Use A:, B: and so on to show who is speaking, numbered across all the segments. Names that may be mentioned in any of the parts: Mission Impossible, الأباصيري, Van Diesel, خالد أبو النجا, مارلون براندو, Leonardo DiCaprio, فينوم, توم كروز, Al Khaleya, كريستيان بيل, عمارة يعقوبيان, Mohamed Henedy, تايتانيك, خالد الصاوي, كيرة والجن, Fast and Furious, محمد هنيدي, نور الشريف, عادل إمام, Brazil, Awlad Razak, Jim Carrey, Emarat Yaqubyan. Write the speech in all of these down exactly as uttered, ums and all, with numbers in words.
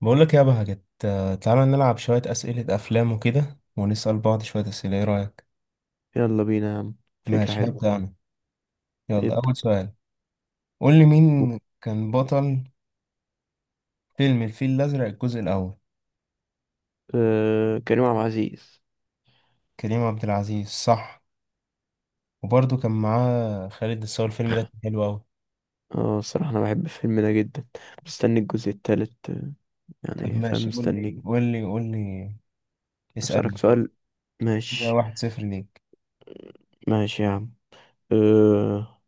A: بقول لك يا بهجت، تعالى نلعب شوية أسئلة أفلام وكده ونسأل بعض شوية أسئلة. إيه رأيك؟
B: يلا بينا يا عم. فكرة
A: ماشي،
B: حلوة.
A: هبدأ أنا. يلا
B: ابدأ.
A: أول سؤال، قول لي مين كان بطل فيلم الفيل الأزرق الجزء الأول؟
B: أه، كريم عبد العزيز.
A: كريم عبد العزيز، صح. وبرضه كان معاه خالد الصاوي. الفيلم ده كان حلو أوي.
B: اه، الصراحة أنا بحب الفيلم ده جدا، مستني الجزء التالت. آه،
A: طب
B: يعني فاهم،
A: ماشي، قول لي
B: مستني.
A: قول لي قول لي،
B: أسألك
A: اسألني.
B: سؤال.
A: كده
B: ماشي.
A: واحد صفر ليك.
B: ماشي يا عم. أه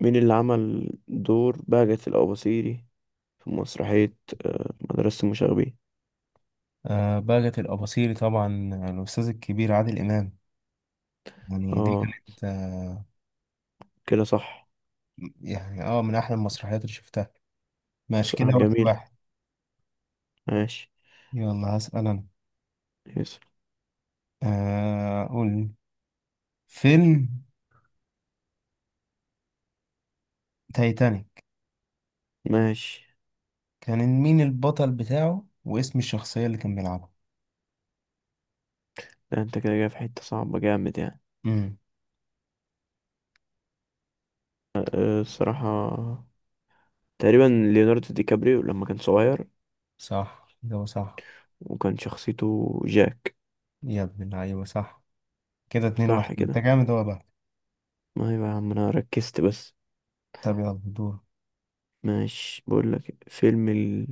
B: مين اللي عمل دور بهجت الأباصيري في مسرحية مدرسة المشاغبين؟
A: آه، بهجت الأباصيري طبعا، الأستاذ الكبير عادل إمام. يعني دي
B: اه
A: كانت آه
B: كده صح.
A: يعني اه من أحلى المسرحيات اللي شفتها. ماشي كده
B: بصراحة
A: واحد
B: جميل.
A: واحد
B: ماشي.
A: يلا هسأل أنا.
B: يس.
A: آه، قول. فيلم تايتانيك
B: ماشي.
A: كان مين البطل بتاعه، واسم الشخصية اللي كان بيلعبها؟
B: ده انت كده جاي في حتة صعبة جامد يعني.
A: امم.
B: أه الصراحة تقريبا ليوناردو دي كابريو لما كان صغير،
A: صح، ده صح.
B: وكان شخصيته جاك.
A: يا ابن اللعيبة، صح. كده اتنين
B: صح
A: واحد ما انت
B: كده.
A: جامد هو بقى.
B: ما هي بقى يا عم، انا ركزت بس.
A: طب يلا دور.
B: ماشي، بقول لك فيلم ال...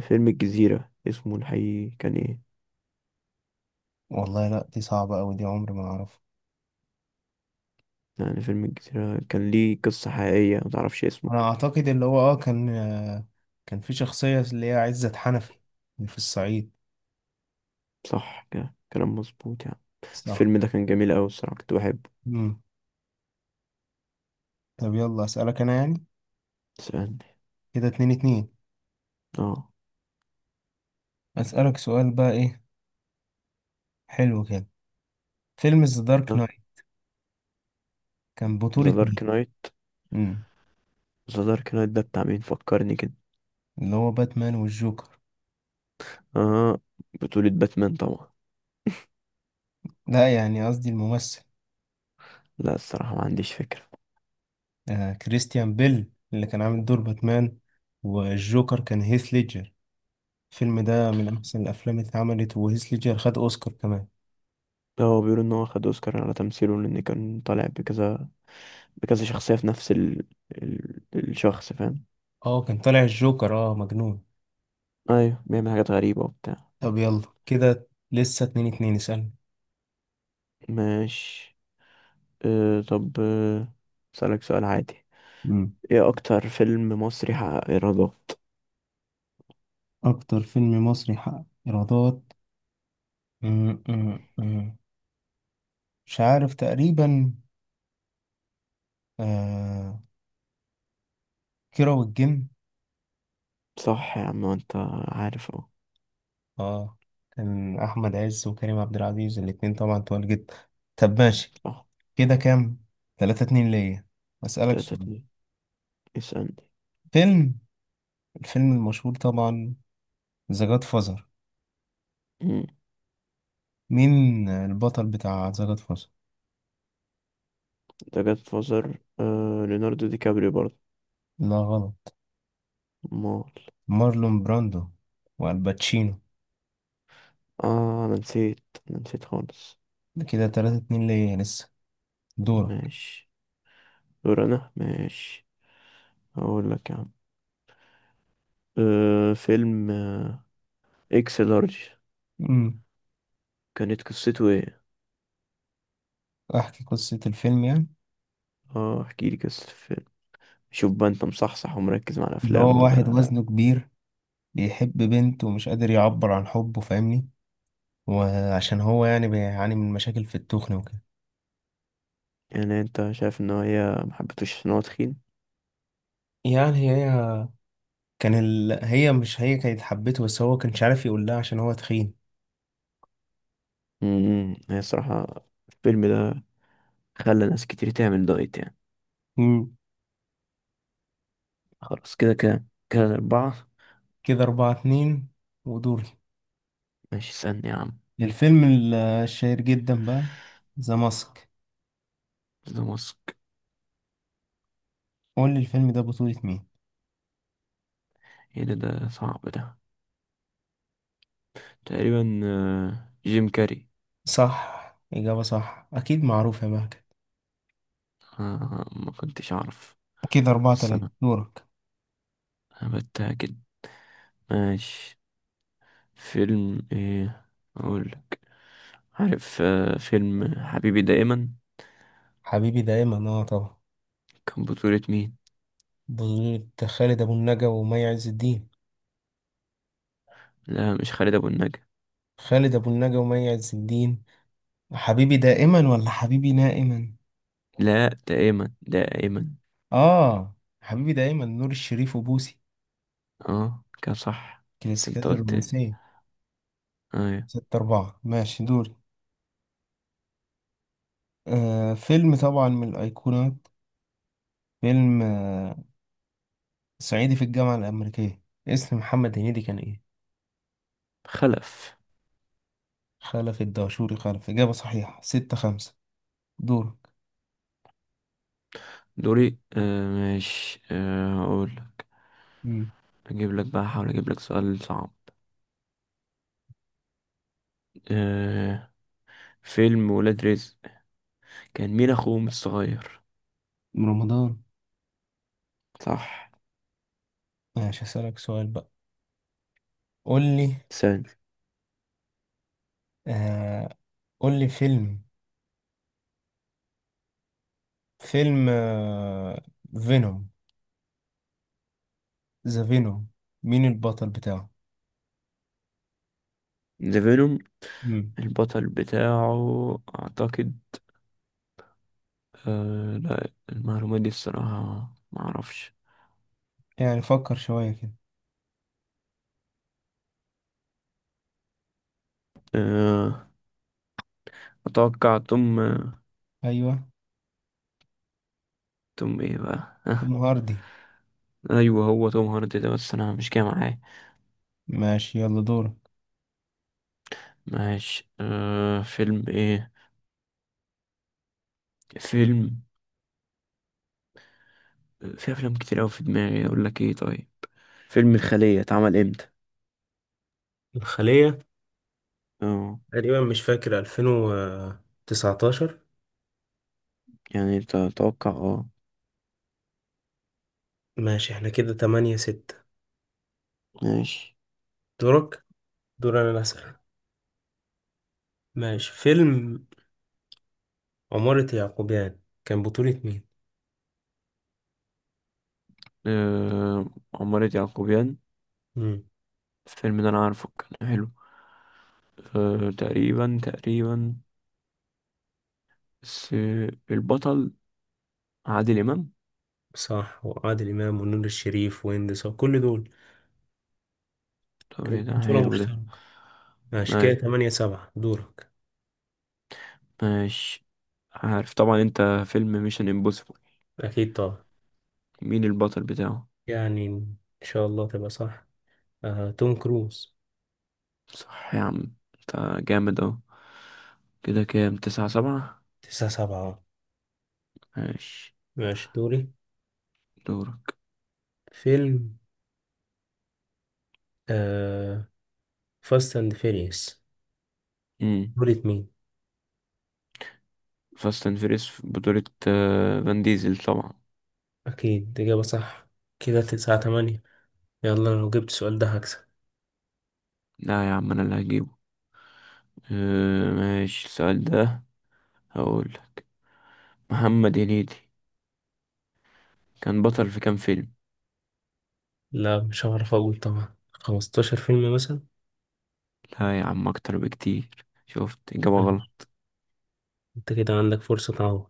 B: فيلم الجزيرة، اسمه الحقيقي كان ايه؟
A: والله لا، دي صعبة أوي دي، عمري ما أعرفها.
B: يعني فيلم الجزيرة كان ليه قصة حقيقية ما تعرفش اسمه؟
A: أنا أعتقد اللي هو اه كان، آه كان في شخصية اللي هي عزت حنفي، اللي في الصعيد.
B: صح كده، كلام مظبوط يعني.
A: صح.
B: الفيلم ده كان جميل أوي الصراحة، كنت بحبه.
A: امم. طب يلا أسألك أنا يعني.
B: استنى.
A: كده اتنين اتنين.
B: اه.
A: أسألك سؤال بقى، إيه؟ حلو كده. فيلم ذا دارك نايت كان
B: ذا
A: بطولة
B: دارك
A: مين؟
B: نايت.
A: مم.
B: ذا دارك نايت ده بتاع مين، فكرني كده.
A: اللي هو باتمان والجوكر.
B: اه، بطولة باتمان طبعا.
A: لا، يعني قصدي الممثل.
B: لا، الصراحة ما عنديش فكرة.
A: آه كريستيان بيل اللي كان عامل دور باتمان، والجوكر كان هيث ليدجر. الفيلم ده من أحسن الأفلام اللي اتعملت، وهيث ليدجر خد أوسكار كمان.
B: لا، هو بيقول ان هو خد اوسكار على تمثيله، لان كان طالع بكذا بكذا شخصية في نفس ال... ال... الشخص، فاهم.
A: اه كان طالع الجوكر اه مجنون.
B: ايوه، بيعمل حاجات غريبة وبتاع.
A: طب يلا كده لسه اتنين اتنين، اسألني.
B: ماشي. أه طب أه، اسألك سؤال عادي.
A: مم.
B: ايه اكتر فيلم مصري حقق ايرادات؟
A: أكتر فيلم مصري حقق إيرادات؟ مم، مم، مم. مش عارف تقريبا. آه كيرة والجن.
B: صح يا عم انت، عارف اهو.
A: اه، كان احمد عز وكريم عبد العزيز الاتنين طبعا طوال جدا. طب ماشي،
B: صح.
A: كده كام؟ تلاتة اتنين ليا. اسألك
B: تلاتة
A: سؤال.
B: اتنين اسألني.
A: فيلم الفيلم المشهور طبعا، ذا جاد فازر.
B: مم.
A: مين البطل بتاع ذا جاد فازر؟
B: ده جاد فازر أه ليوناردو دي كابريو برضه.
A: لا غلط.
B: مال.
A: مارلون براندو والباتشينو.
B: اه انا نسيت، انا نسيت خالص.
A: ده كده تلاتة اتنين ليا لسه، دورك.
B: ماشي، دور انا. ماشي، هقول لك يا عم. أه فيلم آه، اكس لارج،
A: امم.
B: كانت قصته ايه؟
A: احكي قصة الفيلم يعني.
B: اه، احكي لي قصة الفيلم. شوف بقى، انت مصحصح ومركز مع
A: ان
B: الافلام
A: هو واحد
B: ولا؟
A: وزنه كبير، بيحب بنت ومش قادر يعبر عن حبه، فاهمني. وعشان هو يعني بيعاني من مشاكل في التخن وكده.
B: يعني انت شايف ان هي ما حبيتوش ان هو تخين.
A: يعني هي كان ال... هي مش هي كانت حبته، بس هو كانش عارف يقول لها عشان هو تخين.
B: امم، هي الصراحة الفيلم ده خلى ناس كتير تعمل دايت يعني.
A: مم.
B: خلاص، كده كده كده الاربعة.
A: كده أربعة اتنين، ودوري.
B: ماشي، اسألني يا عم.
A: الفيلم ال- الشهير جدا بقى، ذا ماسك.
B: ده ماسك.
A: قول لي الفيلم ده بطولة مين؟
B: ايه ده ده صعب ده. تقريبا آه، جيم كاري.
A: صح، إجابة صح. أكيد معروف يا مهجد.
B: آه، ما كنتش اعرف.
A: كده أربعة
B: بس
A: تلاتة
B: انا
A: دورك.
B: أنا بتأكد. ماشي. فيلم ايه اقول لك؟ عارف آه، فيلم حبيبي دائما
A: حبيبي دايما، اه طبعا.
B: كان بطولة مين؟
A: بطولة خالد أبو النجا ومي عز الدين.
B: لا، مش خالد ابو النجا.
A: خالد أبو النجا ومي عز الدين. حبيبي دائما ولا حبيبي نائما؟
B: لا، ده ايمن، ده ايمن.
A: آه حبيبي دايما نور الشريف وبوسي.
B: اه كان صح. بس انت
A: كلاسيكيات
B: قلت.
A: الرومانسية.
B: ايوه.
A: ستة أربعة، ماشي دوري. آه فيلم طبعا من الأيقونات. فيلم آه صعيدي في الجامعة الأمريكية. اسم محمد هنيدي كان إيه؟
B: خلف.
A: خلف الدهشوري. خلف، إجابة صحيحة. ستة خمسة، دورك.
B: دوري. آه ماشي. آه اقول لك،
A: مم.
B: اجيب لك بقى، احاول اجيب لك سؤال صعب. آه فيلم ولاد رزق، كان مين اخوهم الصغير؟
A: من رمضان.
B: صح.
A: ماشي هسألك سؤال بقى. قول لي
B: ثاني.
A: آه قول لي فيلم فيلم آه فينوم ذا فينوم. مين البطل بتاعه؟
B: ذا فينوم.
A: مم.
B: البطل بتاعه اعتقد... آه لا، المعلومات دي الصراحة ما اعرفش.
A: يعني فكر شوية كده.
B: آه اتوقع توم.
A: أيوه
B: توم ايه بقى، ها؟
A: الغردي.
B: ايوه، هو توم هاردي ده، بس انا مش جاي معاه.
A: ماشي يلا دورك.
B: ماشي. آه فيلم ايه؟ فيلم في افلام كتير اوي في دماغي، اقول لك ايه، طيب فيلم الخلية اتعمل امتى؟
A: الخلية؟
B: اه،
A: تقريبا مش فاكر، ألفين وتسعتاشر.
B: يعني انت تتوقع اه.
A: ماشي احنا كده تمانية ستة،
B: ماشي.
A: دورك. دور انا اللي اسأل. ماشي، فيلم عمارة يعقوبيان كان بطولة مين؟
B: آه عمارة يعقوبيان.
A: مم.
B: الفيلم ده انا عارفه، كان حلو. آه تقريبا، تقريبا. بس آه، البطل عادل امام.
A: صح، وعادل إمام ونور الشريف وهند صبري، كل دول
B: طب ايه
A: كانت
B: ده
A: بطولة
B: حلو ده.
A: مشتركة. ماشي كده
B: ايوه.
A: تمانية سبعة، دورك.
B: ماشي. عارف طبعا انت، فيلم ميشن امبوسيبل
A: أكيد طبعا.
B: مين البطل بتاعه؟
A: يعني إن شاء الله تبقى صح. آه توم كروز.
B: صح يا عم، انت جامد اهو. كده كام، تسعة سبعة.
A: تسعة سبعة.
B: ماشي.
A: ماشي دوري.
B: دورك.
A: فيلم آه، فاست اند فيريوس.
B: امم.
A: دولة مين؟
B: فاست اند فيريس في بطولة آه، فان ديزل طبعا.
A: أكيد إجابة صح. كده تسعة تمانية. يلا لو جبت السؤال ده هكسب.
B: لا يا عم، انا اللي هجيبه. آه، ماشي، السؤال ده هقولك. محمد هنيدي كان بطل في كام فيلم؟
A: لا، مش هعرف أقول. طبعا خمستاشر فيلم مثلا.
B: لا يا عم، اكتر بكتير، شفت اجابة
A: ماشي.
B: غلط.
A: أنت كده عندك فرصة تعوض.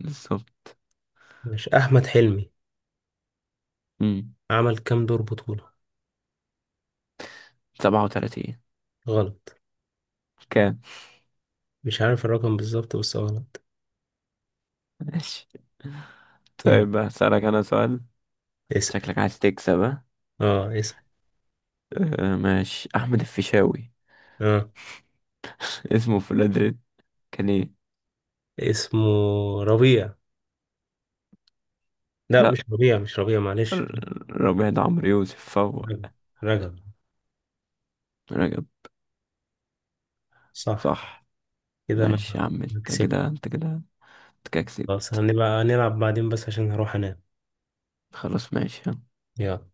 B: بالظبط.
A: مش أحمد حلمي
B: امم.
A: عمل كام دور بطولة؟
B: سبعة وتلاتين.
A: غلط.
B: كام.
A: مش عارف الرقم بالظبط بس غلط.
B: ماشي.
A: يلا
B: طيب هسألك انا سؤال.
A: اسأل.
B: شكلك عايز تكسب، ها؟
A: اه اسأل.
B: آه ماشي. أحمد الفيشاوي،
A: اه
B: اسمه في الأدريس كان إيه؟
A: اسمه ربيع. لا،
B: لأ.
A: مش ربيع، مش ربيع، معلش.
B: ر- ربيع ده عمرو يوسف فهو.
A: رجب. رجب.
B: رجب.
A: صح.
B: صح.
A: كده أنا
B: ماشي يا عم. أنت
A: كسبت.
B: كده أنت كده أنت كده
A: خلاص
B: كسبت.
A: هنبقى نلعب بعدين بس عشان هروح أنام.
B: خلاص ماشي.
A: يلا.